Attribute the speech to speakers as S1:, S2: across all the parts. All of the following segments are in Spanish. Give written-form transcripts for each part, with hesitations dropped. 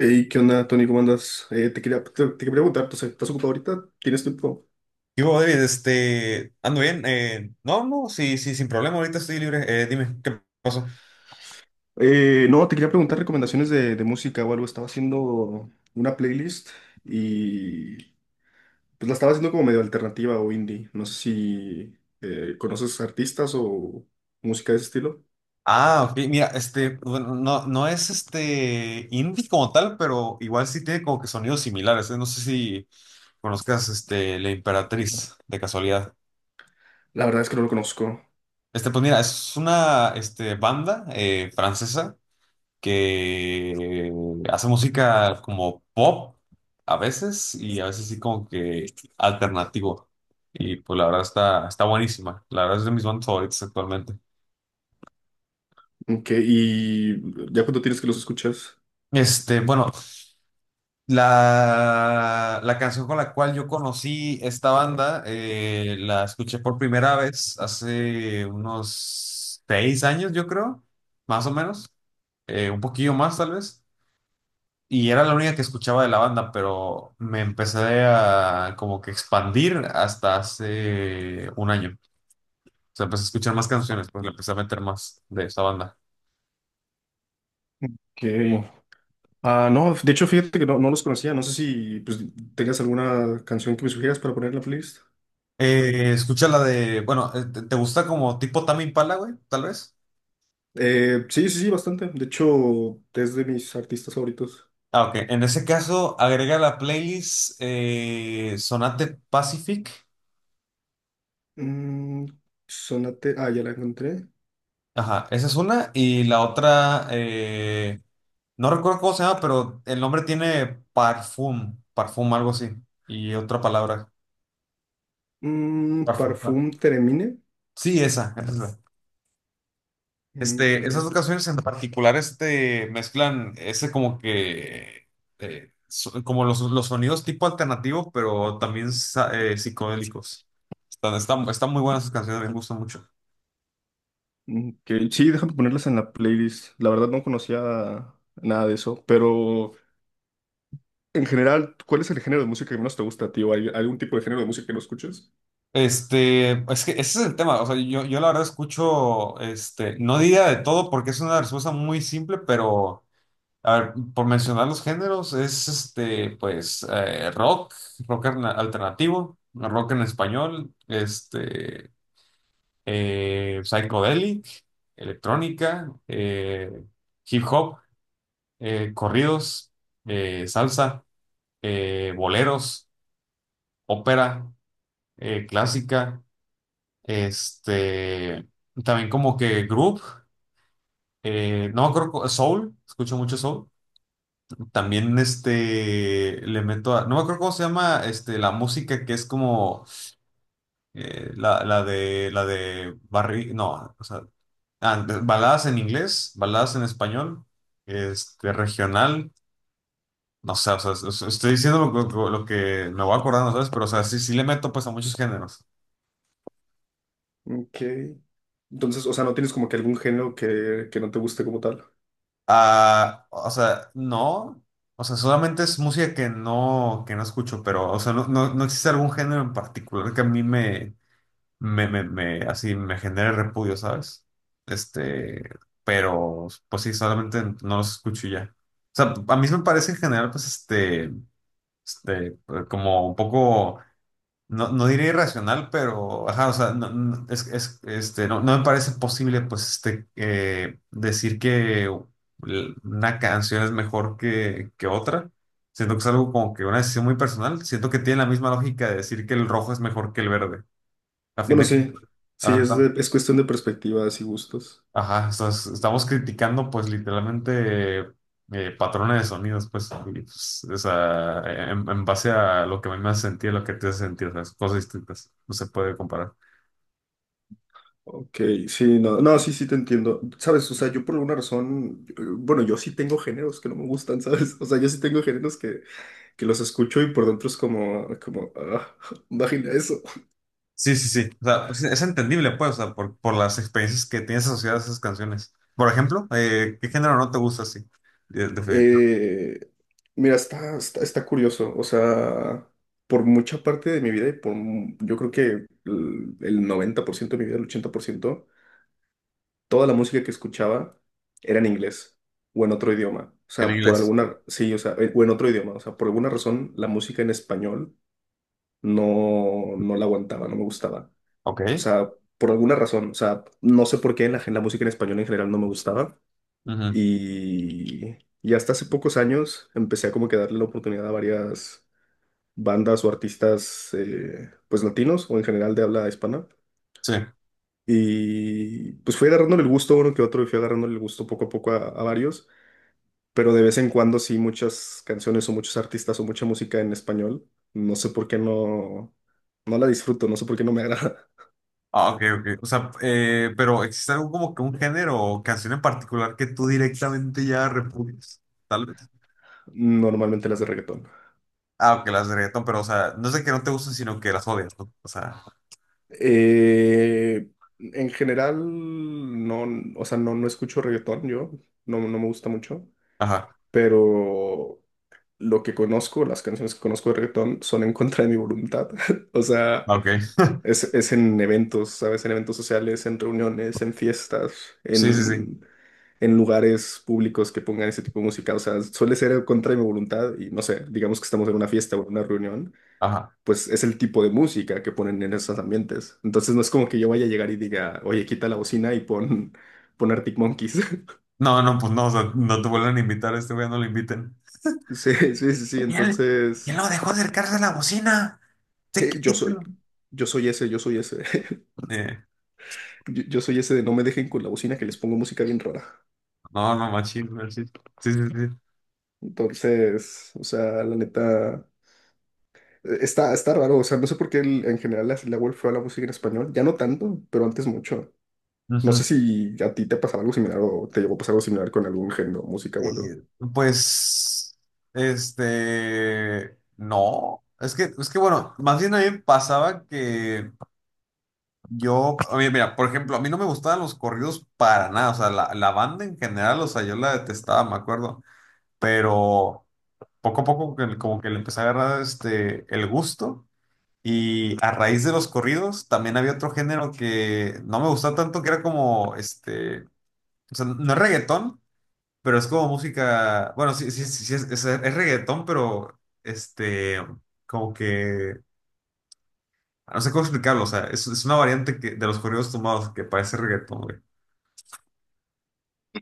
S1: Hey, ¿qué onda, Tony? ¿Cómo andas? Te quería preguntar, ¿tú estás ocupado ahorita? ¿Tienes tiempo?
S2: Y vos, David, ando bien. No, sí, sí, sin problema, ahorita estoy libre. Dime, ¿qué pasó?
S1: No, Te quería preguntar recomendaciones de música o algo. Estaba haciendo una playlist y pues la estaba haciendo como medio alternativa o indie. No sé si conoces artistas o música de ese estilo.
S2: Ah, ok, mira, bueno, no, no es indie como tal, pero igual sí tiene como que sonidos similares. No sé si conozcas La Imperatriz de casualidad.
S1: La verdad es que no lo conozco.
S2: Pues mira, es una banda francesa que hace música como pop a veces, y a veces sí como que alternativo. Y pues la verdad está buenísima. La verdad es de mis bandas favoritas actualmente.
S1: Ok, ¿y ya cuánto tienes que los escuchas?
S2: Bueno, la canción con la cual yo conocí esta banda, la escuché por primera vez hace unos seis años, yo creo, más o menos, un poquillo más tal vez. Y era la única que escuchaba de la banda, pero me empecé a como que expandir hasta hace un año. O sea, empecé a escuchar más canciones, pues le empecé a meter más de esa banda.
S1: Que Ah, no, de hecho, fíjate que no, no los conocía. No sé si pues tengas alguna canción que me sugieras para poner en la playlist.
S2: Escucha la de, bueno, ¿te gusta como tipo Tame Impala, güey? Tal vez.
S1: Sí, sí, sí, bastante. De hecho, es de mis artistas favoritos.
S2: Ah, ok. En ese caso, agrega la playlist Sonate Pacific.
S1: Mm, Sonate. Ah, ya la encontré.
S2: Ajá, esa es una. Y la otra, no recuerdo cómo se llama, pero el nombre tiene Parfum, algo así. Y otra palabra.
S1: Mm,
S2: Garfield, ¿no?
S1: Parfum Teremine.
S2: Sí, esa.
S1: Ok.
S2: Esas dos canciones en particular, mezclan ese como que, como los sonidos tipo alternativo, pero también psicodélicos. Están muy buenas esas canciones, me gustan mucho.
S1: Ok, sí, déjame ponerlas en la playlist. La verdad no conocía nada de eso, pero en general, ¿cuál es el género de música que menos te gusta, tío? ¿Hay algún tipo de género de música que no escuches?
S2: Es que ese es el tema. O sea, yo la verdad escucho, no diría de todo porque es una respuesta muy simple, pero... A ver, por mencionar los géneros, es pues, rock, alternativo, rock en español, psychedelic, electrónica, hip hop, corridos, salsa, boleros, ópera, clásica, este, también como que group, no me acuerdo, soul, escucho mucho soul. También le meto a... No me acuerdo cómo se llama la música que es como la de barri. No, o sea. Baladas en inglés, baladas en español, regional. No sé, o sea, estoy diciendo lo que me voy acordando, ¿sabes? Pero, o sea, sí, sí le meto pues a muchos géneros.
S1: Ok. Entonces, o sea, no tienes como que algún género que no te guste como tal.
S2: Ah, o sea, no. O sea, solamente es música que que no escucho, pero, o sea, no, no, no existe algún género en particular que a mí me, me así me genere repudio, ¿sabes? Este, pero pues sí, solamente no los escucho y ya. O sea, a mí sí me parece en general, pues pues como un poco, no, no diré irracional, pero, ajá, o sea, no, no me parece posible, pues decir que una canción es mejor que otra. Siento que es algo como que una decisión muy personal. Siento que tiene la misma lógica de decir que el rojo es mejor que el verde. A fin
S1: Bueno,
S2: de,
S1: sí, sí,
S2: ajá.
S1: es cuestión de perspectivas y gustos.
S2: Ajá, o sea, estamos criticando pues literalmente patrones de sonidos, pues, y, pues, o sea, en base a lo que a mí me hace sentir, lo que te hace sentir. O sea, son cosas distintas, no se puede comparar.
S1: Ok, sí, no, no, sí, sí te entiendo. Sabes, o sea, yo por alguna razón, bueno, yo sí tengo géneros que no me gustan, ¿sabes? O sea, yo sí tengo géneros que los escucho y por dentro es como ah, imagina eso.
S2: Sí, sí, sí, o sea, pues, es entendible pues, o sea, por las experiencias que tienes asociadas a esas canciones. Por ejemplo, ¿qué género no te gusta así? Definitivo.
S1: Eh, mira, está curioso, o sea, por mucha parte de mi vida y yo creo que el 90% de mi vida, el 80%, toda la música que escuchaba era en inglés o en otro idioma. O
S2: En
S1: sea, por
S2: inglés.
S1: alguna, sí, o sea, o en otro idioma. O sea, por alguna razón la música en español no, no la aguantaba, no me gustaba. O
S2: Ok.
S1: sea, por alguna razón, o sea, no sé por qué la música en español en general no me gustaba.
S2: Ujú.
S1: Y y hasta hace pocos años empecé a como que darle la oportunidad a varias bandas o artistas, pues latinos o en general de habla hispana.
S2: Sí.
S1: Y pues fui agarrándole el gusto a uno que otro y fui agarrándole el gusto poco a poco a varios, pero de vez en cuando sí muchas canciones o muchos artistas o mucha música en español, no sé por qué no, no la disfruto, no sé por qué no me agrada.
S2: Ah, ok, ok. O sea, pero ¿existe algo como que un género o canción en particular que tú directamente ya repudies? Tal vez.
S1: Normalmente las de reggaetón.
S2: Ah, ok, las de reggaetón, pero, o sea, no es de que no te gusten, sino que las odias, ¿no? O sea,
S1: Eh, en general, no, o sea, no, no escucho reggaetón yo, no, no me gusta mucho,
S2: ajá,
S1: pero lo que conozco, las canciones que conozco de reggaetón son en contra de mi voluntad. O sea,
S2: ah, ok.
S1: es en eventos, ¿sabes? En eventos sociales, en reuniones, en fiestas,
S2: Sí, sí, sí,
S1: en, en lugares públicos que pongan ese tipo de música. O sea, suele ser contra mi voluntad y no sé, digamos que estamos en una fiesta o en una reunión,
S2: ajá.
S1: pues es el tipo de música que ponen en esos ambientes. Entonces no es como que yo vaya a llegar y diga, oye, quita la bocina y pon Arctic Monkeys.
S2: No, no, pues no, o sea, no te vuelven a invitar, a este güey no lo inviten.
S1: Sí, sí, sí, sí.
S2: Y él, y él
S1: Entonces,
S2: no dejó acercarse a la bocina.
S1: sí,
S2: Se quitó.
S1: yo soy ese.
S2: Eh,
S1: Yo soy ese de no me dejen con la bocina que les pongo música bien rara.
S2: no, no, machín, machín. Sí, sí, sí.
S1: Entonces, o sea, la neta, está raro, o sea, no sé por qué en general le ha a la música en español, ya no tanto, pero antes mucho. No
S2: Ujú.
S1: sé si a ti te pasaba algo similar o te llegó a pasar algo similar con algún género, música o algo.
S2: Eh, pues, no. Es que bueno, más bien a mí me pasaba que... Yo, a mí, mira, por ejemplo, a mí no me gustaban los corridos para nada. O sea, la banda en general, o sea, yo la detestaba, me acuerdo, pero poco a poco como que le empecé a agarrar el gusto. Y a raíz de los corridos también había otro género que no me gustaba tanto, que era como, o sea, no es reggaetón, pero es como música, bueno, sí, sí, sí, sí, es reggaetón, pero este, como que, no sé cómo explicarlo. O sea, es una variante de los corridos tomados que parece reggaetón, güey.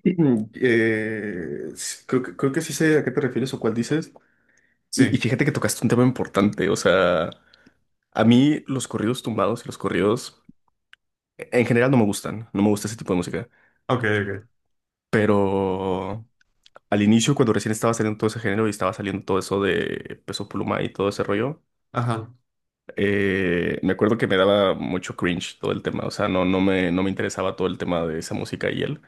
S1: Mm, Creo creo que sí sé a qué te refieres o cuál dices. Y
S2: Sí,
S1: y fíjate que tocaste un tema importante. O sea, a mí los corridos tumbados y los corridos en general no me gustan. No me gusta ese tipo de música.
S2: ok, ok.
S1: Pero al inicio, cuando recién estaba saliendo todo ese género y estaba saliendo todo eso de Peso Pluma y todo ese rollo,
S2: Ajá,
S1: me acuerdo que me daba mucho cringe todo el tema. O sea, no, no me, no me interesaba todo el tema de esa música y él.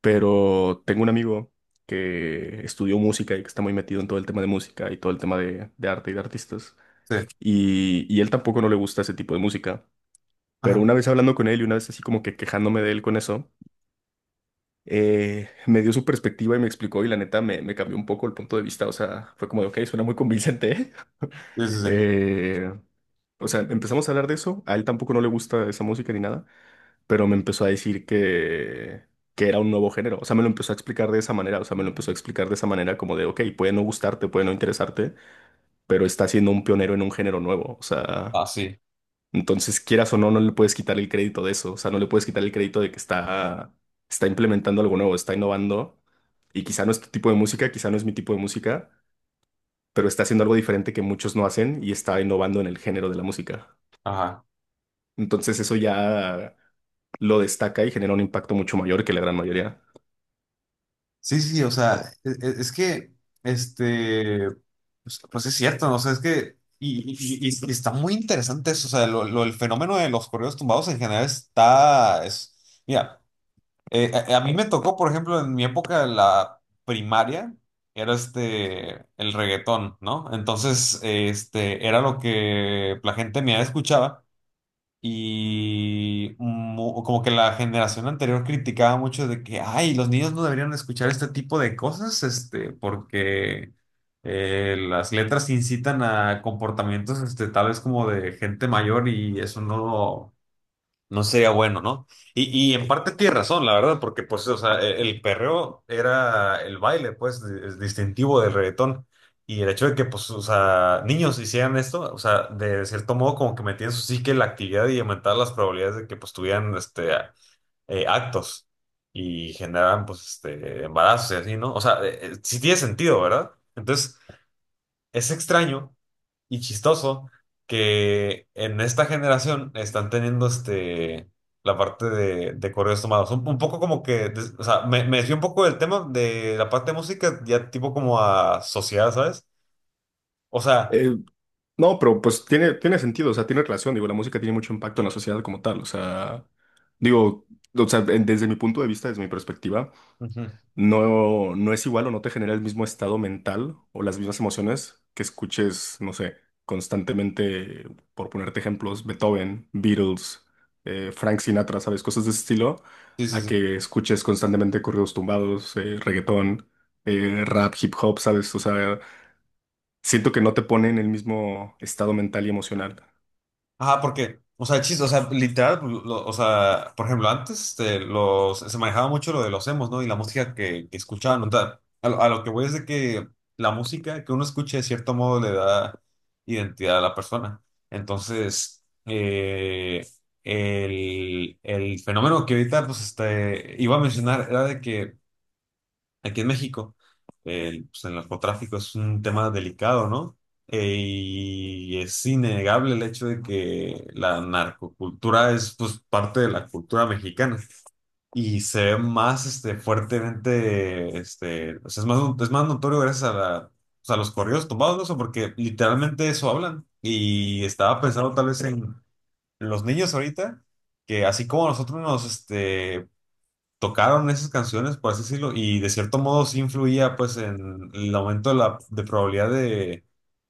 S1: Pero tengo un amigo que estudió música y que está muy metido en todo el tema de música y todo el tema de arte y de artistas.
S2: sí,
S1: Y y él tampoco no le gusta ese tipo de música. Pero
S2: ajá.
S1: una vez hablando con él y una vez así como que quejándome de él con eso, me dio su perspectiva y me explicó y la neta me cambió un poco el punto de vista, o sea, fue como de, ok, suena muy convincente, ¿eh?
S2: Sí, sí, sí.
S1: Eh, o sea, empezamos a hablar de eso, a él tampoco no le gusta esa música ni nada, pero me empezó a decir que era un nuevo género, o sea, me lo empezó a explicar de esa manera, o sea, me lo empezó a explicar de esa manera como de, ok, puede no gustarte, puede no interesarte, pero está siendo un pionero en un género nuevo, o sea...
S2: Ah, sí,
S1: Entonces, quieras o no, no le puedes quitar el crédito de eso. O sea, no le puedes quitar el crédito de que está, está implementando algo nuevo, está innovando. Y quizá no es tu tipo de música, quizá no es mi tipo de música, pero está haciendo algo diferente que muchos no hacen y está innovando en el género de la música.
S2: ajá.
S1: Entonces, eso ya lo destaca y genera un impacto mucho mayor que la gran mayoría.
S2: Sí, sí, o sea, es, que, este, pues, pues es cierto, ¿no? O sea, es que, y está muy interesante eso. O sea, el fenómeno de los correos tumbados en general está, es, mira, a mí me tocó, por ejemplo, en mi época de la primaria, era el reggaetón, ¿no? Entonces, era lo que la gente me escuchaba. Y como que la generación anterior criticaba mucho de que, ay, los niños no deberían escuchar este tipo de cosas, porque las letras incitan a comportamientos, tal vez como de gente mayor, y eso no, no sería bueno, ¿no? Y en parte tiene razón, la verdad, porque pues, o sea, el perreo era el baile, pues, es distintivo del reggaetón. Y el hecho de que, pues, o sea, niños hicieran esto, o sea, de cierto modo como que metían su psique en la actividad y aumentaba las probabilidades de que, pues, tuvieran, actos, y generaban, pues, embarazos y así, ¿no? O sea, sí tiene sentido, ¿verdad? Entonces, es extraño y chistoso que en esta generación están teniendo la parte de correos tomados. Un poco como que, o sea, me desvié un poco del tema de la parte de música, ya tipo como a sociedad, ¿sabes? O sea,
S1: Eh, no, pero pues tiene, tiene sentido, o sea, tiene relación, digo, la música tiene mucho impacto en la sociedad como tal, o sea, digo, o sea, desde mi punto de vista, desde mi perspectiva,
S2: ujú.
S1: no, no es igual o no te genera el mismo estado mental o las mismas emociones que escuches, no sé, constantemente, por ponerte ejemplos, Beethoven, Beatles, Frank Sinatra, ¿sabes? Cosas de ese estilo,
S2: Sí, sí,
S1: a
S2: sí.
S1: que escuches constantemente corridos tumbados, reggaetón, rap, hip hop, ¿sabes? O sea, siento que no te pone en el mismo estado mental y emocional.
S2: Ajá, porque, o sea, chiste, o sea, literal, pues, o sea, por ejemplo, antes se manejaba mucho lo de los emos, ¿no? Y la música que escuchaban, o sea, a lo que voy es de que la música que uno escuche de cierto modo le da identidad a la persona. Entonces, el fenómeno que ahorita, pues, iba a mencionar era de que aquí en México, el, pues, el narcotráfico es un tema delicado, ¿no? Y es innegable el hecho de que la narcocultura es pues parte de la cultura mexicana, y se ve más fuertemente, o sea, es más notorio gracias a, pues, a los corridos tumbados, ¿no? O sea, porque literalmente eso hablan. Y estaba pensando tal vez en los niños ahorita, que así como nosotros nos, tocaron esas canciones, por así decirlo, y de cierto modo sí influía pues en el aumento de la de probabilidad de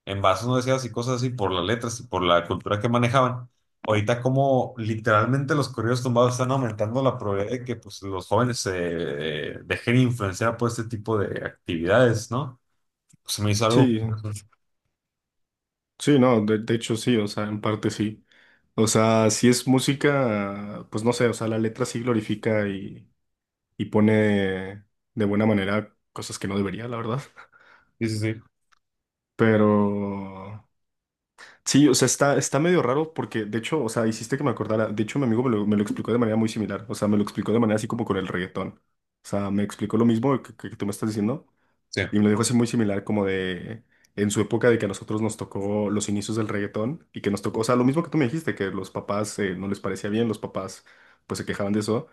S2: embarazos no deseados y cosas así por las letras y por la cultura que manejaban. Ahorita como literalmente los corridos tumbados están aumentando la probabilidad de que pues los jóvenes se dejen influenciar por este tipo de actividades, ¿no? Pues se me hizo algo.
S1: Sí, sí, no, de hecho sí, o sea, en parte sí. O sea, si es música, pues no sé, o sea, la letra sí glorifica y pone de buena manera cosas que no debería, la verdad.
S2: Sí, sí, sí.
S1: Pero sí, o sea, está, está medio raro porque, de hecho, o sea, hiciste que me acordara. De hecho, mi amigo me lo explicó de manera muy similar. O sea, me lo explicó de manera así como con el reggaetón. O sea, me explicó lo mismo que tú me estás diciendo
S2: Sí,
S1: y me lo dijo así muy similar como de en su época de que a nosotros nos tocó los inicios del reggaetón y que nos tocó, o sea, lo mismo que tú me dijiste, que los papás no les parecía bien, los papás pues se quejaban de eso,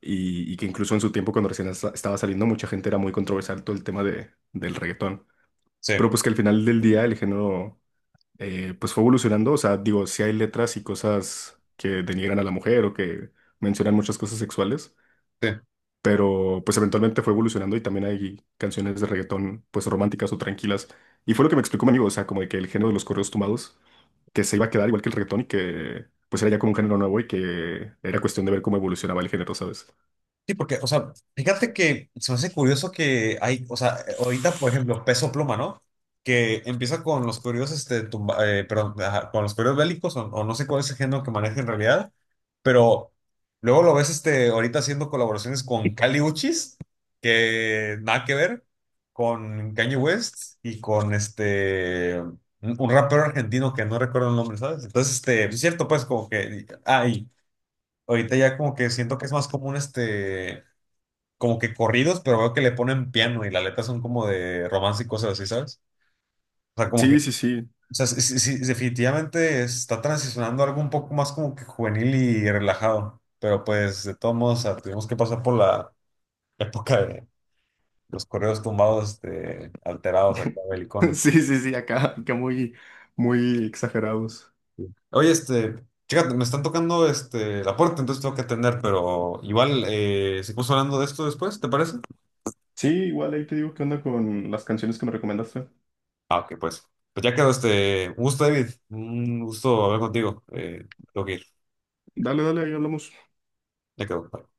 S1: y que incluso en su tiempo cuando estaba saliendo mucha gente era muy controversial todo el tema del reggaetón.
S2: sí,
S1: Pero pues que al final del día el género pues fue evolucionando, o sea, digo, sí hay letras y cosas que denigran a la mujer o que mencionan muchas cosas sexuales,
S2: sí.
S1: pero pues eventualmente fue evolucionando y también hay canciones de reggaetón pues románticas o tranquilas. Y fue lo que me explicó mi amigo, o sea, como de que el género de los correos tumbados que se iba a quedar igual que el reggaetón y que pues era ya como un género nuevo y que era cuestión de ver cómo evolucionaba el género, ¿sabes?
S2: Sí, porque, o sea, fíjate que se me hace curioso que hay, o sea, ahorita, por ejemplo, Peso Pluma, ¿no? Que empieza con los corridos, perdón, ajá, con los corridos bélicos, o no sé cuál es el género que maneja en realidad, pero luego lo ves, ahorita haciendo colaboraciones con Kali Uchis, que nada que ver, con Kanye West, y con, un rapero argentino que no recuerdo el nombre, ¿sabes? Entonces, sí es cierto, pues, como que, ah, y ahorita ya como que siento que es más común, como que corridos, pero veo que le ponen piano y la letra son como de romance y cosas así, ¿sabes? O sea, como que,
S1: Sí, sí, sí.
S2: o sea, sí, definitivamente está transicionando a algo un poco más como que juvenil y relajado, pero pues de todos modos, o sea, tuvimos que pasar por la época de los correos tumbados, alterados acá, belicones.
S1: Sí, sí, sí, acá, acá muy exagerados.
S2: Sí. Oye, chécate, me están tocando la puerta, entonces tengo que atender, pero igual, seguimos hablando de esto después, ¿te parece?
S1: Sí, igual ahí te digo qué onda con las canciones que me recomendaste.
S2: Ah, ok, pues. Pues ya quedó este. Un gusto, David. Un gusto hablar contigo. Tengo que ir.
S1: Dale, dale, ahí hablamos.
S2: Ya quedó. Bye.